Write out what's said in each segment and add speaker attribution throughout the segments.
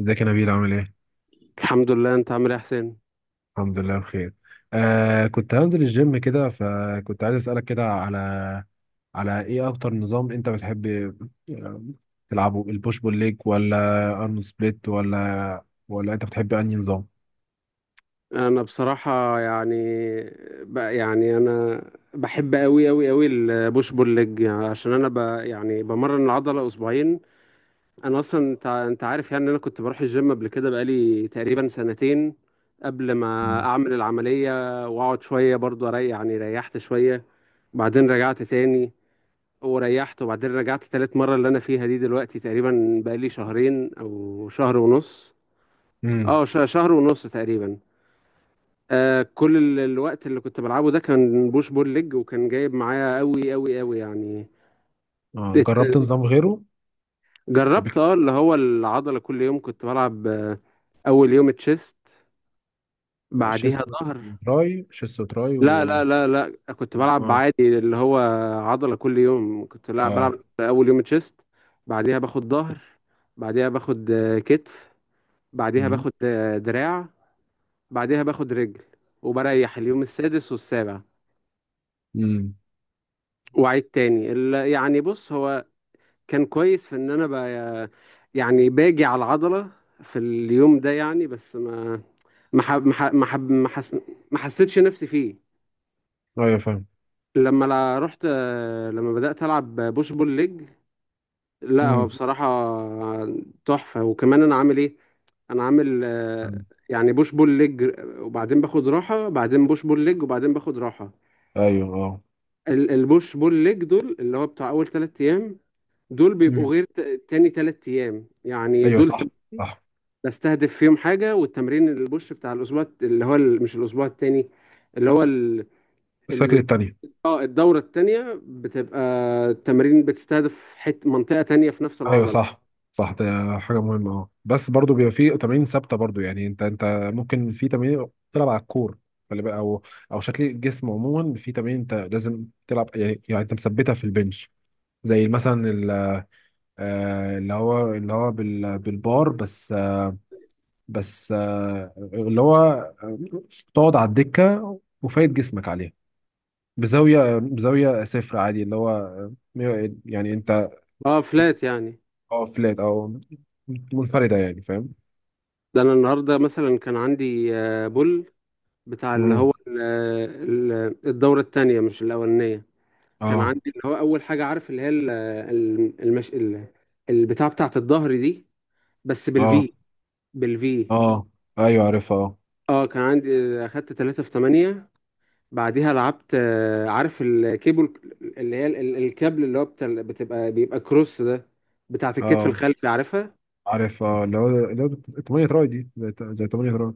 Speaker 1: ازيك يا نبيل، عامل ايه؟
Speaker 2: الحمد لله، انت عامل ايه يا حسين؟
Speaker 1: الحمد لله بخير. كنت هنزل الجيم كده، فكنت عايز اسألك كده على ايه اكتر نظام انت بتحب آه، تلعبه؟ البوش بول ليج ولا ارنولد سبليت، ولا انت بتحب انهي نظام؟
Speaker 2: انا بصراحه يعني بقى يعني انا بحب قوي قوي قوي البوش بول ليج، يعني عشان انا يعني بمرن العضله اسبوعين. انا اصلا انت عارف يعني ان انا كنت بروح الجيم قبل كده بقالي تقريبا سنتين، قبل ما
Speaker 1: مم.
Speaker 2: اعمل العمليه. واقعد شويه برضو اريح، يعني ريحت شويه بعدين رجعت تاني وريحت، وبعدين رجعت تالت مرة اللي أنا فيها دي دلوقتي، تقريبا بقالي شهرين أو شهر ونص.
Speaker 1: امم.
Speaker 2: شهر ونص تقريبا. كل الوقت اللي كنت بلعبه ده كان بوش بول ليج، وكان جايب معايا قوي قوي قوي يعني.
Speaker 1: آه، جربت
Speaker 2: ات-
Speaker 1: نظام غيره قبل
Speaker 2: جربت اه اللي هو العضلة كل يوم، كنت بلعب أول يوم تشيست
Speaker 1: كده؟ شيست
Speaker 2: بعديها ظهر.
Speaker 1: وتراي، شيست وتراي
Speaker 2: لا لا لا لا، كنت بلعب
Speaker 1: اه،
Speaker 2: عادي اللي هو عضلة كل يوم، كنت لا بلعب
Speaker 1: اه،
Speaker 2: أول يوم تشيست، بعديها باخد ظهر، بعديها باخد كتف، بعديها باخد دراع، بعديها باخد رجل، وبريح اليوم السادس والسابع
Speaker 1: امم،
Speaker 2: وأعيد تاني. يعني بص، هو كان كويس في ان انا بقى يعني باجي على العضله في اليوم ده، يعني بس ما ما حب ما حب ما حب- ما حس- ما حسيتش نفسي فيه.
Speaker 1: ايوه فاهم.
Speaker 2: لما لا رحت، لما بدات العب بوش بول ليج، لا هو
Speaker 1: امم،
Speaker 2: بصراحه تحفه. وكمان انا عامل ايه؟ انا عامل يعني بوش بول ليج وبعدين باخد راحه، بعدين بوش بول ليج وبعدين باخد راحه.
Speaker 1: ايوه، اه،
Speaker 2: البوش بول ليج دول اللي هو بتاع اول ثلاث ايام، دول
Speaker 1: مم.
Speaker 2: بيبقوا غير تاني ثلاث ايام، يعني
Speaker 1: ايوه،
Speaker 2: دول
Speaker 1: صح.
Speaker 2: بستهدف فيهم حاجة. والتمرين البوش بتاع الأسبوع اللي هو مش الأسبوع التاني، اللي هو ال...
Speaker 1: الشكل
Speaker 2: ال...
Speaker 1: التاني.
Speaker 2: آه، الدورة التانية بتبقى التمرين بتستهدف منطقة تانية في نفس
Speaker 1: ايوه،
Speaker 2: العضلة.
Speaker 1: صح. ده حاجه مهمه. اه بس برضو بيبقى في تمارين ثابته برضو، يعني انت ممكن في تمارين تلعب على الكور. خلي بالك، او شكل الجسم عموما، في تمارين انت لازم تلعب، يعني انت مثبتها في البنش، زي مثلا اللي هو بالبار بس بس اللي هو تقعد على الدكه وفايد جسمك عليها بزاويه، بزاويه صفر عادي، اللي هو يعني انت.
Speaker 2: اه فلات يعني.
Speaker 1: اه فلات، او منفرده يعني. فاهم؟
Speaker 2: ده أنا النهاردة مثلا كان عندي بول بتاع اللي
Speaker 1: مم.
Speaker 2: هو الدورة التانية مش الأولانية. كان
Speaker 1: اه،
Speaker 2: عندي اللي هو أول حاجة، عارف اللي هي البتاع بتاعة الظهر دي، بس
Speaker 1: اه،
Speaker 2: بالفي. بالفي
Speaker 1: اه. ايوه عارفها. اه،
Speaker 2: اه كان عندي اخدت 3 في 8. بعديها لعبت عارف الكيبل اللي هي الكابل اللي هو بتاع بتبقى بيبقى كروس ده، بتاعت الكتف
Speaker 1: اه،
Speaker 2: الخلفي، عارفها.
Speaker 1: عارفها. اللي هو 8 تراي دي، زي 8 تراي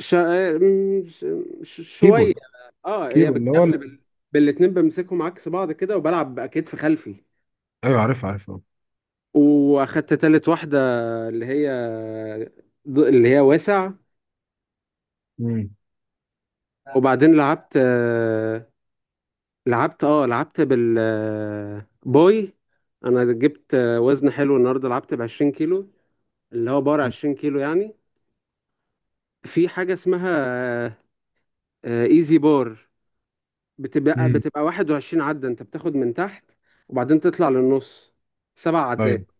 Speaker 2: ش... م- ش... ش- شوية،
Speaker 1: كيبل.
Speaker 2: اه هي
Speaker 1: كيبل اللي هو
Speaker 2: بالكابل
Speaker 1: ال-
Speaker 2: بالاتنين، بمسكهم عكس بعض كده وبلعب بكتف خلفي.
Speaker 1: ايوه عارفها، عارفها.
Speaker 2: واخدت تالت واحدة اللي هي اللي هي واسع.
Speaker 1: امم،
Speaker 2: وبعدين لعبت بالباي. انا جبت وزن حلو النهارده، لعبت ب 20 كيلو، اللي هو بار 20 كيلو يعني. في حاجة اسمها ايزي بار، بتبقى
Speaker 1: امم.
Speaker 2: بتبقى 21 عدة، انت بتاخد من تحت وبعدين تطلع للنص سبع
Speaker 1: ايوه،
Speaker 2: عدات،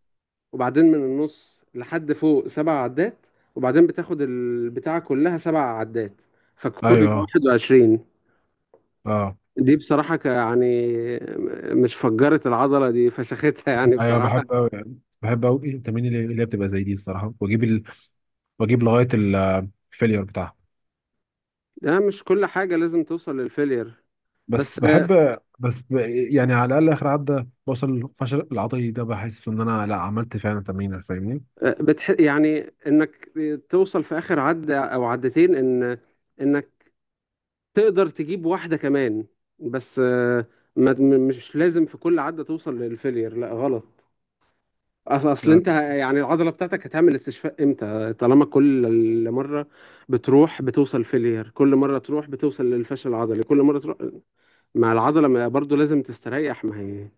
Speaker 2: وبعدين من النص لحد فوق سبع عدات، وبعدين بتاخد البتاعة كلها سبع عدات، فالكل
Speaker 1: ايوه.
Speaker 2: بيبقى
Speaker 1: اه،
Speaker 2: 21.
Speaker 1: اه.
Speaker 2: دي بصراحة يعني مش فجرت العضلة دي، فشختها يعني
Speaker 1: ايوه
Speaker 2: بصراحة.
Speaker 1: بحب قوي، بحب قوي التمارين اللي هي بتبقى زي دي الصراحه، واجيب واجيب لغايه الفيلير بتاعها.
Speaker 2: ده مش كل حاجة لازم توصل للفيلير.
Speaker 1: بس
Speaker 2: بس
Speaker 1: بحب، بس ب... يعني على الاقل اخر عدى بوصل الفشل العضلي، ده بحس ان انا لا عملت فعلا تمرين، فاهمني؟
Speaker 2: يعني انك توصل في اخر عد او عدتين ان انك تقدر تجيب واحده كمان، بس آه، ما... م- مش لازم في كل عده توصل للفيلير، لا غلط. اصل انت
Speaker 1: يعني
Speaker 2: يعني العضله بتاعتك هتعمل استشفاء امتى طالما كل مره بتروح بتوصل فيلير، كل مره تروح بتوصل للفشل العضلي، كل مره تروح مع العضله برضو لازم تستريح. ما هي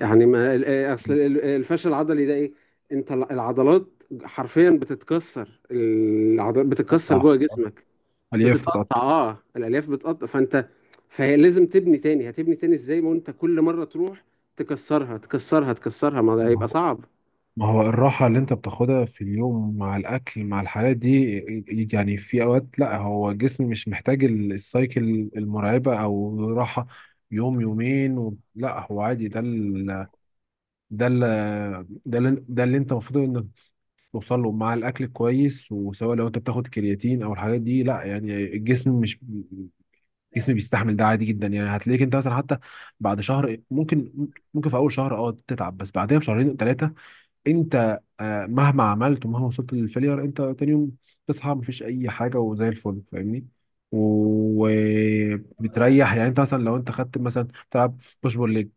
Speaker 2: يعني ما ال- آه، اصل الفشل العضلي ده ايه؟ انت العضلات حرفيا بتتكسر، العضلات بتتكسر
Speaker 1: تقطع،
Speaker 2: جوه جسمك،
Speaker 1: الياف
Speaker 2: بتتقطع.
Speaker 1: تتقطع.
Speaker 2: اه، الالياف بتقطع فانت، فهي لازم تبني تاني. هتبني تاني ازاي ما انت كل مره تروح تكسرها تكسرها تكسرها؟ ما ده هيبقى صعب.
Speaker 1: ما هو الراحة اللي انت بتاخدها في اليوم مع الأكل مع الحاجات دي، يعني في أوقات لا، هو الجسم مش محتاج السايكل المرعبة أو راحة يوم يومين و. لا هو عادي، ده ال... ده اللي انت المفروض انك توصل له مع الأكل كويس، وسواء لو انت بتاخد كرياتين أو الحاجات دي، لا يعني الجسم، مش الجسم بيستحمل ده عادي جدا. يعني هتلاقيك انت مثلا، حتى بعد شهر ممكن، في أول شهر اه تتعب، بس بعدها بشهرين ثلاثة انت مهما عملت ومهما وصلت للفيلير، انت تاني يوم تصحى مفيش اي حاجه وزي الفل، فاهمني؟ وبتريح. يعني انت مثلا لو انت خدت مثلا بتلعب بوش بول ليج،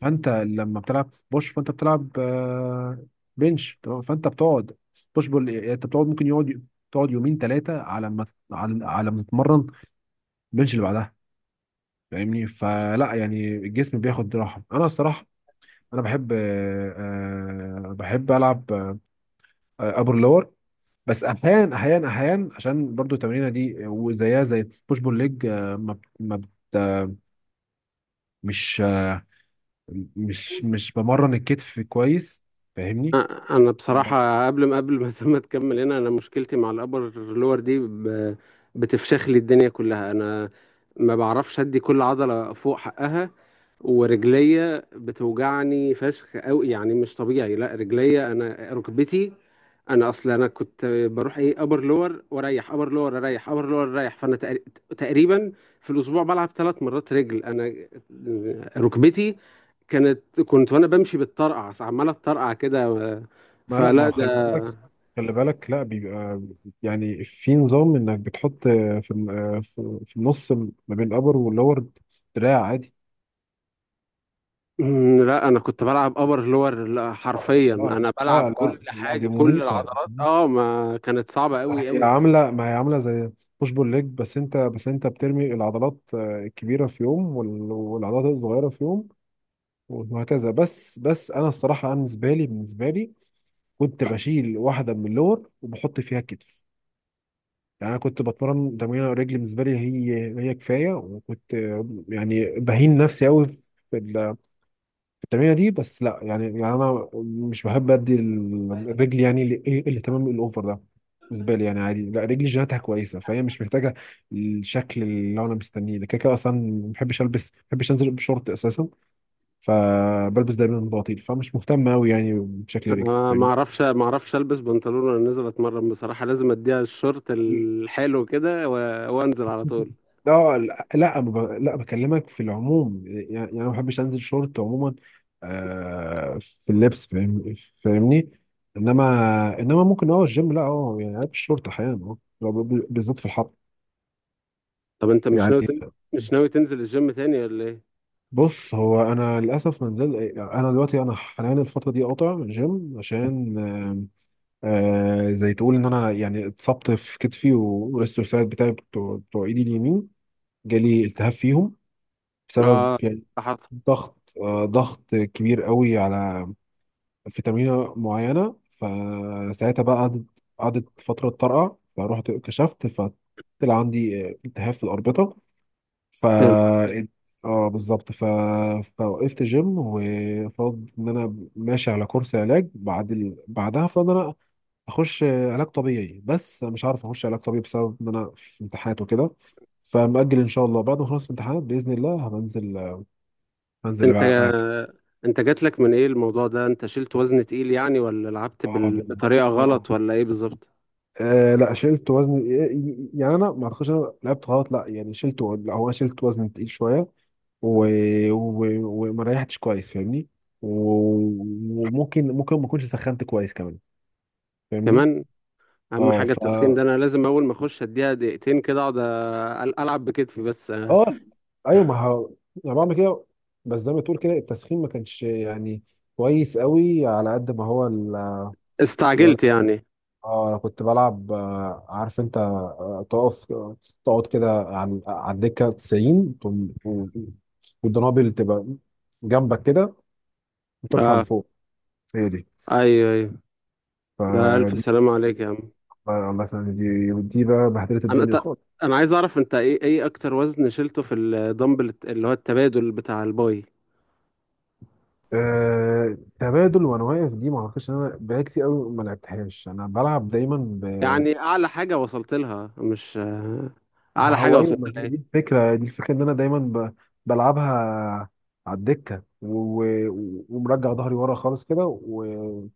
Speaker 1: فانت لما بتلعب بوش فانت بتلعب بنش تمام، فانت بتقعد بوش بول. يعني انت بتقعد، ممكن يقعد، تقعد يومين ثلاثه، على ما، على ما تتمرن البنش اللي بعدها، فاهمني؟ فلا يعني الجسم بياخد راحه. انا الصراحه انا بحب بحب العب ابر لور. بس احيانا عشان برضو التمرينه دي، وزيها زي بوش بول ليج، ما بت- ما بت- مش مش بمرن الكتف كويس، فاهمني؟
Speaker 2: انا
Speaker 1: آه.
Speaker 2: بصراحه قبل ما ما تكمل، هنا انا مشكلتي مع الابر لور دي، بتفشخ لي الدنيا كلها. انا ما بعرفش ادي كل عضله فوق حقها، ورجليا بتوجعني فشخ قوي يعني مش طبيعي، لا رجليا، انا ركبتي. انا اصلا انا كنت بروح ايه ابر لور واريح، ابر لور اريح، ابر لور اريح، فانا تقريبا في الاسبوع بلعب ثلاث مرات رجل. انا ركبتي كانت، كنت وانا بمشي بالطرقع، عماله اتطرقع كده، فلا
Speaker 1: ما خلي
Speaker 2: ده.
Speaker 1: بالك، خلي بالك، لا بيبقى يعني في نظام انك بتحط في في النص ما بين الابر واللور، دراع عادي.
Speaker 2: مم، لا انا كنت بلعب ابر لور، لا حرفيا
Speaker 1: لا
Speaker 2: انا بلعب
Speaker 1: لا لا
Speaker 2: كل
Speaker 1: لا
Speaker 2: حاجه،
Speaker 1: دي
Speaker 2: كل
Speaker 1: مميتة.
Speaker 2: العضلات اه ما كانت صعبه
Speaker 1: ما
Speaker 2: قوي
Speaker 1: هي
Speaker 2: قوي.
Speaker 1: عامله ما هي عامله زي بوش بول ليج، بس انت بترمي العضلات الكبيره في يوم، والعضلات الصغيره في يوم، وهكذا. بس انا الصراحه، انا بالنسبه لي كنت بشيل واحده من اللور وبحط فيها الكتف. يعني انا كنت بتمرن تمرين الرجل، بالنسبه لي هي كفايه، وكنت يعني بهين نفسي قوي التمرينه دي. بس لا يعني، انا مش بحب ادي الرجل يعني الاهتمام الاوفر ده بالنسبه لي، يعني عادي. لا، رجلي جيناتها كويسه، فهي مش محتاجه الشكل اللي انا مستنيه، لكن كده اصلا ما بحبش البس، ما بحبش انزل بشورت اساسا، فبلبس دايما بنطلون، فمش مهتم قوي يعني بشكل رجلي،
Speaker 2: انا ما
Speaker 1: فاهمني؟
Speaker 2: اعرفش ما اعرفش البس بنطلون وانا نازل اتمرن بصراحه، لازم اديها الشورت الحلو كده وانزل على طول.
Speaker 1: اه، لا لا ما ب- لا بكلمك في العموم، يعني انا ما بحبش انزل شورت عموما في اللبس، فاهمني. انما ممكن اه الجيم، لا اه يعني لابس شورت احيانا، اه لو بالذات في الحر.
Speaker 2: طب انت
Speaker 1: يعني،
Speaker 2: مش ناوي تنزل الجيم تاني ولا ايه؟
Speaker 1: بص هو انا للاسف ما نزل. انا دلوقتي، انا حاليا الفتره دي قاطع جيم عشان آه، زي تقول ان انا يعني اتصبت في كتفي، والريستوسايد بتاعي، بتوع ايدي اليمين، جالي التهاب فيهم بسبب،
Speaker 2: اه
Speaker 1: يعني
Speaker 2: حصل.
Speaker 1: ضغط، ضغط كبير قوي على، في تمرينة معينة. فساعتها بقى قعدت فترة طرقع، فروحت كشفت، فطلع عندي التهاب في الأربطة. ف
Speaker 2: انت
Speaker 1: اه بالظبط فوقفت جيم، وفرض ان انا ماشي على كورس علاج، بعد بعدها فرض ان انا اخش علاج طبيعي، بس أنا مش عارف اخش علاج طبيعي بسبب ان انا في امتحانات وكده. فمأجل ان شاء الله، بعد ما اخلص الامتحانات باذن الله هبنزل انزل اللي بقى انا.
Speaker 2: جات لك من ايه الموضوع ده؟ انت شلت وزن تقيل يعني، ولا لعبت
Speaker 1: اه بالظبط
Speaker 2: بطريقه
Speaker 1: اه،
Speaker 2: غلط ولا ايه بالظبط؟
Speaker 1: لا شلت وزن، إيه، يعني انا ما اعتقدش انا لعبت غلط، لا يعني شلت، لا هو أنا شلت وزن تقيل شويه، و، و، وما ريحتش كويس فاهمني، و، وممكن ممكن ما اكونش سخنت كويس كمان، فاهمني؟
Speaker 2: كمان، اهم
Speaker 1: اه
Speaker 2: حاجه التسخين ده. انا لازم اول ما اخش اديها دقيقتين كده اقعد العب بكتفي بس
Speaker 1: اه، ايوه ما ه... انا بعمل كده، بس زي ما تقول كده التسخين ما كانش يعني كويس قوي على قد ما هو الوزن.
Speaker 2: استعجلت يعني.
Speaker 1: اه، انا كنت بلعب عارف انت تقف، تقعد كده عن على الدكه 90، والدنابل تبقى جنبك كده وترفع
Speaker 2: اه،
Speaker 1: لفوق. هي دي.
Speaker 2: ايوه ايوه، ده الف
Speaker 1: فدي،
Speaker 2: سلام عليك يا عم.
Speaker 1: الله يسلمك، دي بقى بهدلت
Speaker 2: انا
Speaker 1: الدنيا
Speaker 2: ت...
Speaker 1: خالص.
Speaker 2: انا عايز اعرف انت ايه، ايه اكتر وزن شلته في الدمبل اللي هو التبادل بتاع الباي؟
Speaker 1: تبادل وانا واقف، دي ما اعتقدش ان انا بقالي كتير قوي ما لعبتهاش، انا بلعب دايما.
Speaker 2: يعني اعلى حاجه وصلت لها، مش
Speaker 1: ما
Speaker 2: اعلى حاجه
Speaker 1: هو ايوه،
Speaker 2: وصلت
Speaker 1: ما هي
Speaker 2: لها
Speaker 1: دي
Speaker 2: ايه؟
Speaker 1: الفكره دي الفكره ان انا دايما بلعبها على الدكه، و، و، ومرجع ظهري ورا خالص كده و،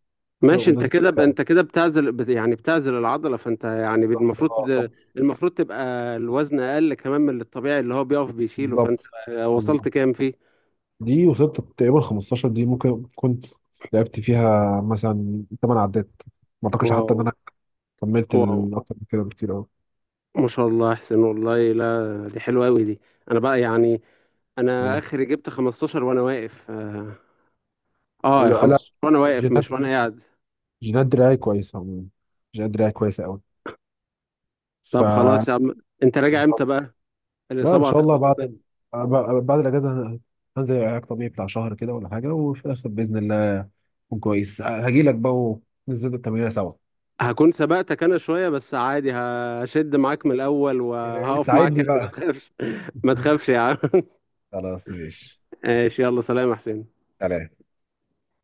Speaker 2: ماشي، انت
Speaker 1: ومنزل
Speaker 2: كده
Speaker 1: دراعي.
Speaker 2: انت كده بتعزل يعني بتعزل العضله فانت يعني
Speaker 1: بالظبط
Speaker 2: المفروض،
Speaker 1: اه،
Speaker 2: المفروض تبقى الوزن اقل كمان من الطبيعي اللي هو بيقف بيشيله، فانت
Speaker 1: بالظبط، بالظبط.
Speaker 2: وصلت كام فيه؟
Speaker 1: دي وصلت تقريبا 15، دي ممكن كنت لعبت فيها مثلا 8 عدات، ما اعتقدش حتى
Speaker 2: واو.
Speaker 1: ان انا كملت
Speaker 2: واو،
Speaker 1: اكتر من كده بكتير قوي.
Speaker 2: ما شاء الله، احسن والله، لا دي حلوه قوي دي. انا بقى يعني انا اخري جبت 15 وانا واقف،
Speaker 1: لا لا.
Speaker 2: 15 وانا واقف مش
Speaker 1: جينات
Speaker 2: وانا قاعد.
Speaker 1: جينات دراعي كويسه عموما. جينات دراعي كويسه قوي. ف
Speaker 2: طب خلاص يا عم، انت راجع امتى بقى؟
Speaker 1: لا، ان
Speaker 2: الاصابه
Speaker 1: شاء الله
Speaker 2: هتخلص
Speaker 1: بعد
Speaker 2: امتى؟
Speaker 1: بعد الاجازه هنزل علاج طبيعي بتاع شهر كده ولا حاجه، وفي الاخر باذن الله اكون كويس، هاجي لك بقى وننزل التمرين سوا.
Speaker 2: هكون سبقتك انا شويه بس عادي، هشد معاك من الاول وهقف معاك
Speaker 1: ساعدني
Speaker 2: يعني ما
Speaker 1: بقى.
Speaker 2: تخافش. ما تخافش يا عم.
Speaker 1: خلاص ماشي.
Speaker 2: ماشي، يلا سلام يا حسين.
Speaker 1: سلام.